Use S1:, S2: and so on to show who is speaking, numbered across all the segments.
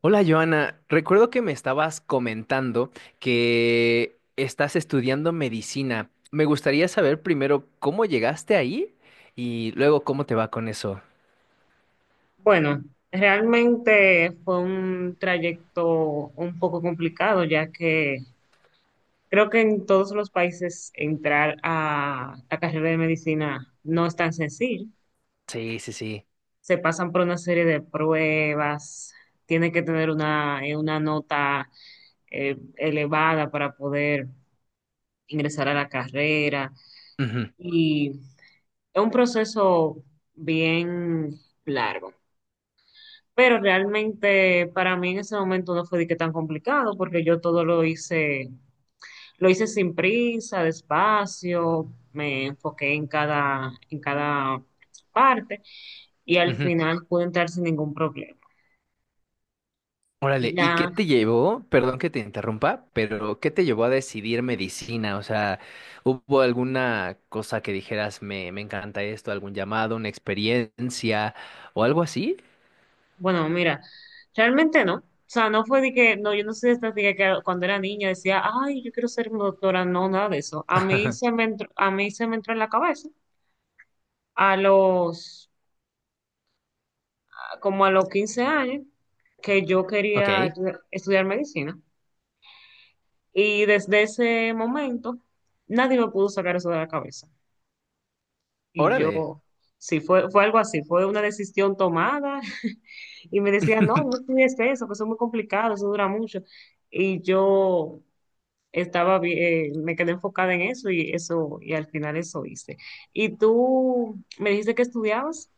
S1: Hola Joana, recuerdo que me estabas comentando que estás estudiando medicina. Me gustaría saber primero cómo llegaste ahí y luego cómo te va con eso.
S2: Bueno, realmente fue un trayecto un poco complicado, ya que creo que en todos los países entrar a la carrera de medicina no es tan sencillo.
S1: Sí, sí, sí.
S2: Se pasan por una serie de pruebas, tiene que tener una nota elevada para poder ingresar a la carrera
S1: Ujú,
S2: y es un proceso bien largo. Pero realmente para mí en ese momento no fue de que tan complicado, porque yo todo lo hice sin prisa, despacio, me enfoqué en cada parte y al
S1: ujú.
S2: final pude entrar sin ningún problema.
S1: Órale, ¿y qué
S2: Ya,
S1: te llevó? Perdón que te interrumpa, pero ¿qué te llevó a decidir medicina? O sea, ¿hubo alguna cosa que dijeras, me encanta esto, algún llamado, una experiencia o algo así?
S2: bueno, mira, realmente no. O sea, no fue de que, no, yo no soy de estas de que cuando era niña decía, ay, yo quiero ser doctora, no, nada de eso. A mí se me entró, a mí se me entró en la cabeza a los como a los 15 años que yo quería
S1: Ok,
S2: estudiar medicina. Y desde ese momento nadie me pudo sacar eso de la cabeza. Y yo,
S1: órale.
S2: sí, fue algo así, fue una decisión tomada y me decían, no, no estudies eso, que eso es muy complicado, eso dura mucho. Y yo me quedé enfocada en eso y eso, y al final eso hice. ¿Y tú me dijiste que estudiabas?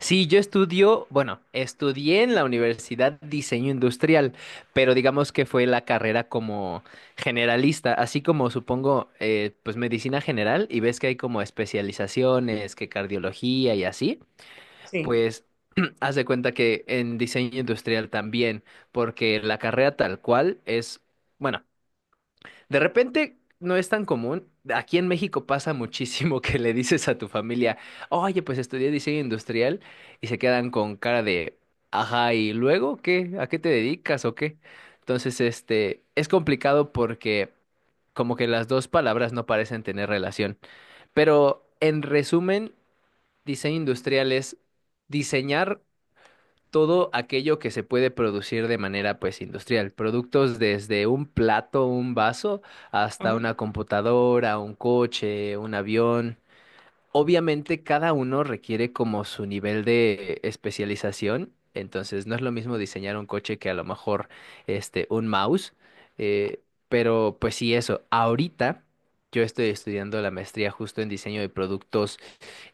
S1: Sí, yo estudio, bueno, estudié en la universidad diseño industrial, pero digamos que fue la carrera como generalista, así como supongo, pues medicina general y ves que hay como especializaciones, que cardiología y así,
S2: Sí.
S1: pues haz de cuenta que en diseño industrial también, porque la carrera tal cual es, bueno, de repente no es tan común. Aquí en México pasa muchísimo que le dices a tu familia, oye, pues estudié diseño industrial y se quedan con cara de, ajá, ¿y luego qué? ¿A qué te dedicas o qué? Entonces, este, es complicado porque como que las dos palabras no parecen tener relación. Pero en resumen, diseño industrial es diseñar todo aquello que se puede producir de manera pues industrial, productos desde un plato, un vaso, hasta
S2: Ajá.
S1: una computadora, un coche, un avión. Obviamente cada uno requiere como su nivel de especialización, entonces no es lo mismo diseñar un coche que a lo mejor este un mouse, eh, pero pues sí eso. Ahorita yo estoy estudiando la maestría justo en diseño de productos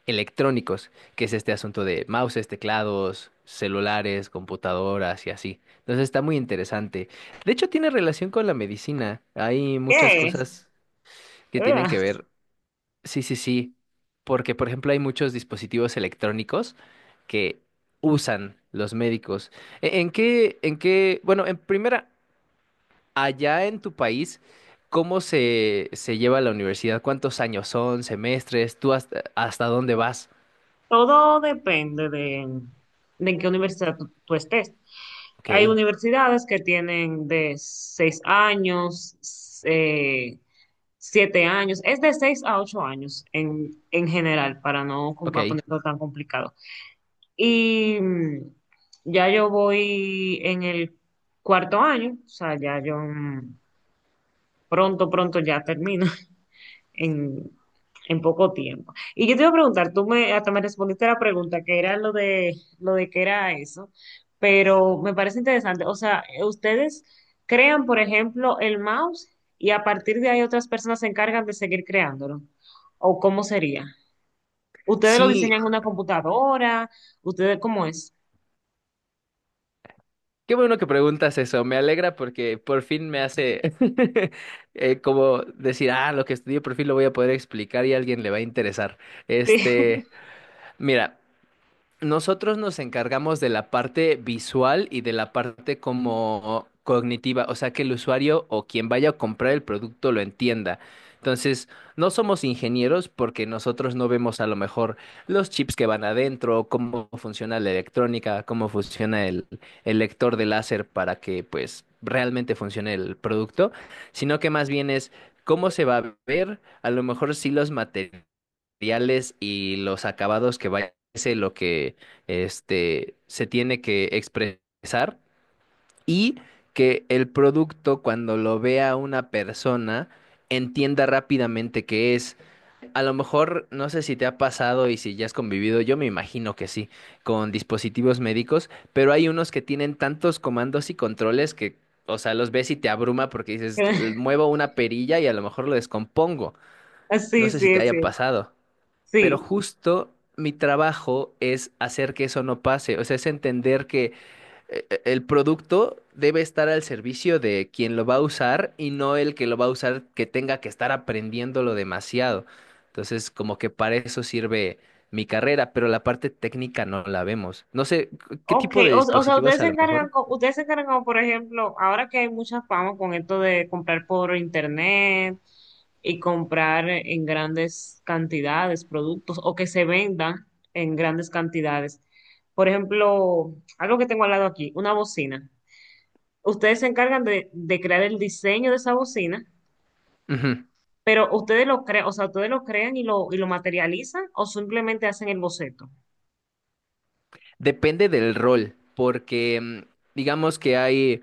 S1: electrónicos, que es este asunto de mouses, teclados, celulares, computadoras y así. Entonces está muy interesante. De hecho tiene relación con la medicina. Hay muchas
S2: ¿Qué?
S1: cosas que tienen
S2: ¿Verdad?
S1: que ver. Sí, sí, sí. Porque, por ejemplo, hay muchos dispositivos electrónicos que usan los médicos. ¿En qué, bueno, en primera, allá en tu país, ¿cómo se lleva la universidad? ¿Cuántos años son, semestres? ¿Tú hasta dónde vas?
S2: Todo depende de, en qué universidad tú estés. Hay
S1: Ok,
S2: universidades que tienen de 6 años, eh, 7 años, es de 6 a 8 años en general, para no com- para
S1: ok.
S2: ponerlo tan complicado. Y ya yo voy en el cuarto año, o sea, ya yo pronto ya termino en, en poco tiempo. Y yo te iba a preguntar, hasta me respondiste a la pregunta, que era lo de que era eso, pero me parece interesante. O sea, ustedes crean, por ejemplo, el mouse y a partir de ahí otras personas se encargan de seguir creándolo. ¿O cómo sería? ¿Ustedes lo
S1: Sí,
S2: diseñan en una computadora? ¿Ustedes cómo es?
S1: qué bueno que preguntas eso. Me alegra porque por fin me hace como decir, ah, lo que estudié por fin lo voy a poder explicar y a alguien le va a interesar. Este, mira. Nosotros nos encargamos de la parte visual y de la parte como cognitiva, o sea, que el usuario o quien vaya a comprar el producto lo entienda. Entonces, no somos ingenieros porque nosotros no vemos a lo mejor los chips que van adentro, cómo funciona la electrónica, cómo funciona el lector de láser para que pues realmente funcione el producto, sino que más bien es cómo se va a ver, a lo mejor sí los materiales y los acabados que vaya es lo que este se tiene que expresar y que el producto cuando lo vea una persona entienda rápidamente qué es. A lo mejor no sé si te ha pasado y si ya has convivido, yo me imagino que sí, con dispositivos médicos, pero hay unos que tienen tantos comandos y controles que. O sea, los ves y te abruma porque dices, muevo una perilla y a lo mejor lo descompongo. No
S2: Sí,
S1: sé si
S2: sí, sí,
S1: te
S2: sí.
S1: haya pasado pero
S2: Sí.
S1: justo mi trabajo es hacer que eso no pase, o sea, es entender que el producto debe estar al servicio de quien lo va a usar y no el que lo va a usar que tenga que estar aprendiéndolo demasiado. Entonces, como que para eso sirve mi carrera, pero la parte técnica no la vemos. No sé, ¿qué
S2: Ok,
S1: tipo de
S2: o sea,
S1: dispositivos
S2: ustedes
S1: a
S2: se
S1: lo
S2: encargan,
S1: mejor?
S2: ustedes se encargan como, por ejemplo, ahora que hay mucha fama con esto de comprar por internet y comprar en grandes cantidades productos o que se vendan en grandes cantidades. Por ejemplo, algo que tengo al lado aquí, una bocina. Ustedes se encargan de crear el diseño de esa bocina,
S1: Ujú.
S2: pero ustedes lo crean, o sea, ustedes lo crean y lo materializan o simplemente hacen el boceto.
S1: Depende del rol, porque digamos que hay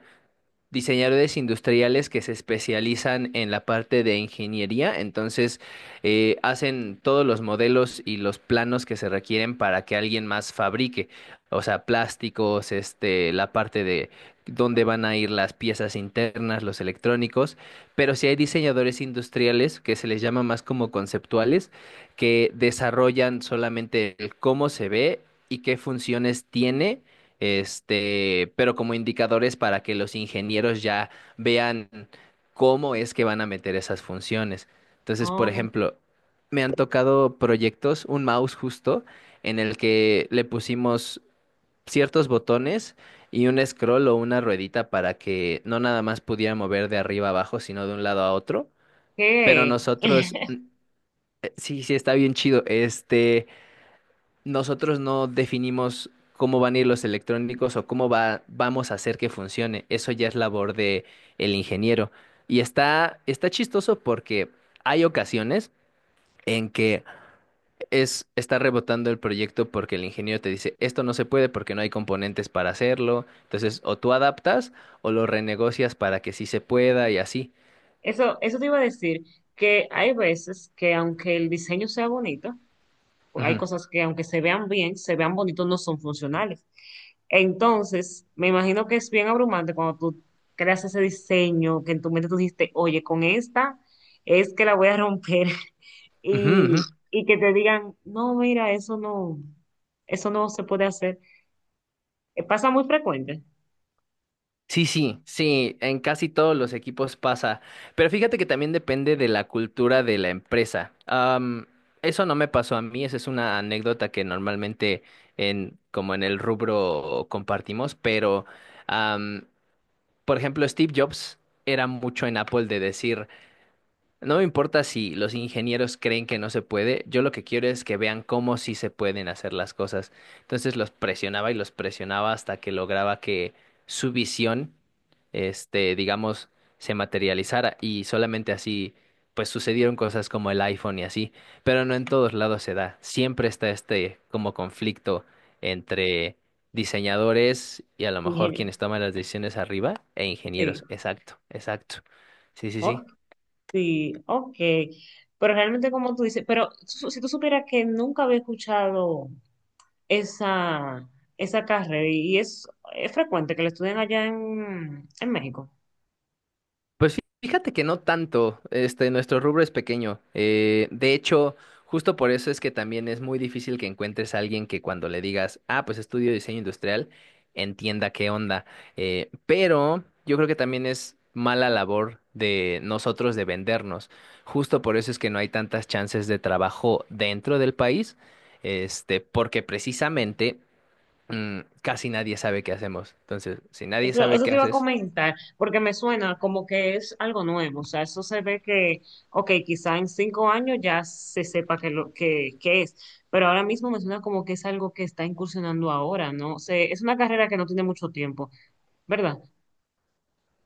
S1: diseñadores industriales que se especializan en la parte de ingeniería, entonces hacen todos los modelos y los planos que se requieren para que alguien más fabrique, o sea, plásticos, este, la parte de dónde van a ir las piezas internas, los electrónicos, pero sí hay diseñadores industriales que se les llama más como conceptuales, que desarrollan solamente el cómo se ve y qué funciones tiene este, pero como indicadores para que los ingenieros ya vean cómo es que van a meter esas funciones. Entonces, por
S2: Ok.
S1: ejemplo, me han tocado proyectos, un mouse justo, en el que le pusimos ciertos botones y un scroll o una ruedita para que no nada más pudiera mover de arriba a abajo, sino de un lado a otro. Pero nosotros, sí, sí, está bien chido. Este, nosotros no definimos cómo van a ir los electrónicos o vamos a hacer que funcione. Eso ya es labor de el ingeniero. Y está chistoso porque hay ocasiones en que está rebotando el proyecto porque el ingeniero te dice, esto no se puede porque no hay componentes para hacerlo. Entonces, o tú adaptas o lo renegocias para que sí se pueda y así.
S2: Eso te iba a decir, que hay veces que aunque el diseño sea bonito, pues hay
S1: Ujú,
S2: cosas que aunque se vean bien, se vean bonitos, no son funcionales. Entonces, me imagino que es bien abrumante cuando tú creas ese diseño, que en tu mente tú dijiste, oye, con esta es que la voy a romper
S1: ujú,
S2: y,
S1: ujú.
S2: y que te digan, no, mira, eso no se puede hacer. Pasa muy frecuente.
S1: Sí, sí, sí, en casi todos los equipos pasa, pero fíjate que también depende de la cultura de la empresa. Eso no me pasó a mí, esa es una anécdota que normalmente en como en el rubro compartimos, pero am, por ejemplo, Steve Jobs era mucho en Apple de decir no me importa si los ingenieros creen que no se puede, yo lo que quiero es que vean cómo sí se pueden hacer las cosas. Entonces los presionaba y los presionaba hasta que lograba que su visión, este, digamos, se materializara y solamente así, pues sucedieron cosas como el iPhone y así, pero no en todos lados se da. Siempre está este como conflicto entre diseñadores y a lo mejor
S2: Ingeniero.
S1: quienes toman las decisiones arriba e
S2: Sí,
S1: ingenieros. Exacto, exacto. Sí, sí,
S2: ok.
S1: sí.
S2: Sí, ok. Pero realmente como tú dices, pero si tú supieras que nunca había escuchado esa, esa carrera y es frecuente que la estudian allá en México.
S1: Pues fíjate que no tanto, este, nuestro rubro es pequeño. De hecho, justo por eso es que también es muy difícil que encuentres a alguien que cuando le digas, ah, pues estudio diseño industrial, entienda qué onda. Pero yo creo que también es mala labor de nosotros de vendernos. Justo por eso es que no hay tantas chances de trabajo dentro del país, este, porque precisamente casi nadie sabe qué hacemos. Entonces, si nadie
S2: Eso,
S1: sabe
S2: eso
S1: qué
S2: te iba a
S1: haces,
S2: comentar, porque me suena como que es algo nuevo. O sea, eso se ve que, ok, quizá en 5 años ya se sepa que lo que es, pero ahora mismo me suena como que es algo que está incursionando ahora, ¿no? sé es una carrera que no tiene mucho tiempo, ¿verdad?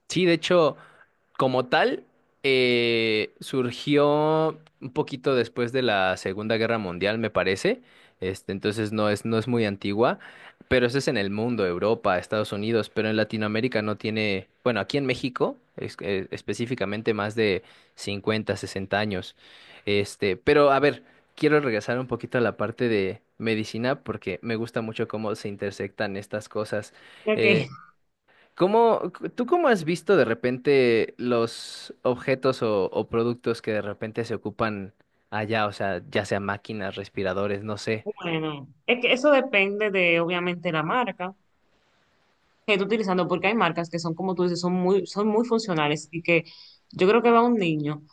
S1: sí, de hecho. Como tal, surgió un poquito después de la Segunda Guerra Mundial, me parece. Este, entonces no es muy antigua, pero eso es en el mundo, Europa, Estados Unidos, pero en Latinoamérica no tiene, bueno, aquí en México, específicamente más de 50, 60 años. Este, pero a ver, quiero regresar un poquito a la parte de medicina porque me gusta mucho cómo se intersectan estas cosas. Eh,
S2: Ok.
S1: ¿Cómo, tú cómo has visto de repente los objetos o productos que de repente se ocupan allá? O sea, ya sea máquinas, respiradores, no sé.
S2: Bueno, es que eso depende de obviamente la marca que esté utilizando, porque hay marcas que son como tú dices, son muy funcionales y que yo creo que va un niño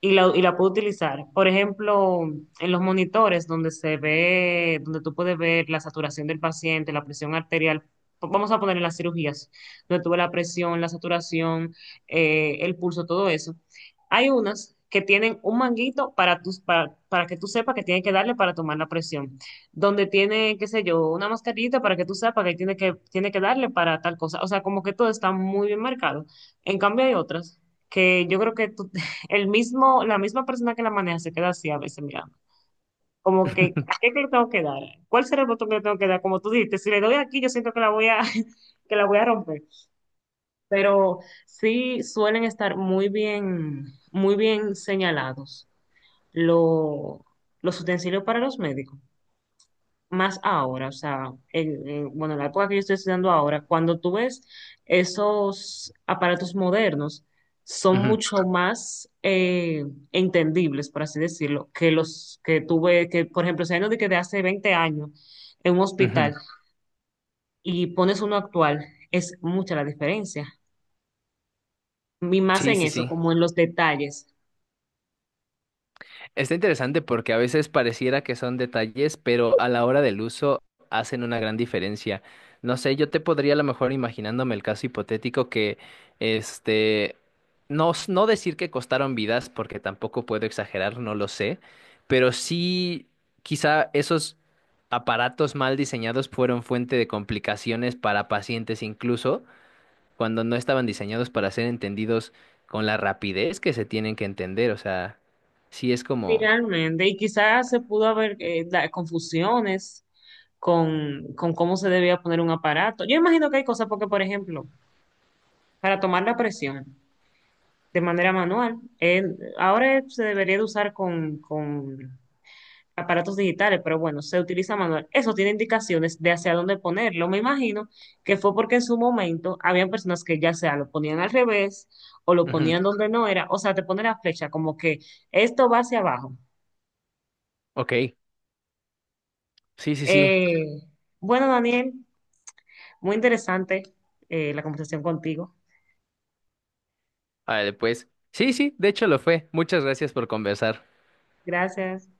S2: y la puedo utilizar. Por ejemplo, en los monitores donde se ve, donde tú puedes ver la saturación del paciente, la presión arterial, vamos a poner en las cirugías, donde tú ves la presión, la saturación, el pulso, todo eso. Hay unas que tienen un manguito para que tú sepas que tienes que darle para tomar la presión, donde tiene, qué sé yo, una mascarita para que tú sepas que tiene que darle para tal cosa. O sea, como que todo está muy bien marcado. En cambio, hay otras que yo creo que tú el mismo, la misma persona que la maneja se queda así a veces mirando. Como que, ¿a qué que le tengo que dar? ¿Cuál será el botón que le tengo que dar? Como tú dijiste, si le doy aquí, yo siento que la voy a, que la voy a romper. Pero sí suelen estar muy bien señalados lo- los utensilios para los médicos más ahora, o sea, el, bueno, en la época que yo estoy estudiando ahora, cuando tú ves esos aparatos modernos, son
S1: Ujú,
S2: mucho más entendibles, por así decirlo, que los que tuve, que por ejemplo, si hay uno de que de hace 20 años en un hospital
S1: ujú.
S2: y pones uno actual, es mucha la diferencia. Y más
S1: Sí,
S2: en
S1: sí,
S2: eso,
S1: sí.
S2: como en los detalles.
S1: Está interesante porque a veces pareciera que son detalles, pero a la hora del uso hacen una gran diferencia. No sé, yo te podría a lo mejor imaginándome el caso hipotético que, este, no, no decir que costaron vidas porque tampoco puedo exagerar, no lo sé, pero sí quizá esos aparatos mal diseñados fueron fuente de complicaciones para pacientes incluso cuando no estaban diseñados para ser entendidos con la rapidez que se tienen que entender, o sea, sí es
S2: Sí,
S1: como.
S2: realmente, y quizás se pudo haber confusiones con cómo se debía poner un aparato. Yo imagino que hay cosas porque, por ejemplo, para tomar la presión de manera manual, ahora se debería de usar con aparatos digitales, pero bueno, se utiliza manual. Eso tiene indicaciones de hacia dónde ponerlo. Me imagino que fue porque en su momento habían personas que ya sea lo ponían al revés o lo
S1: Ujú,
S2: ponían donde no era, o sea, te pone la flecha como que esto va hacia abajo.
S1: ok, sí, sí, sí.
S2: Eh, bueno, Daniel, muy interesante la conversación contigo.
S1: Vale, pues. Sí, sí, de hecho lo fue. Muchas gracias por conversar.
S2: Gracias.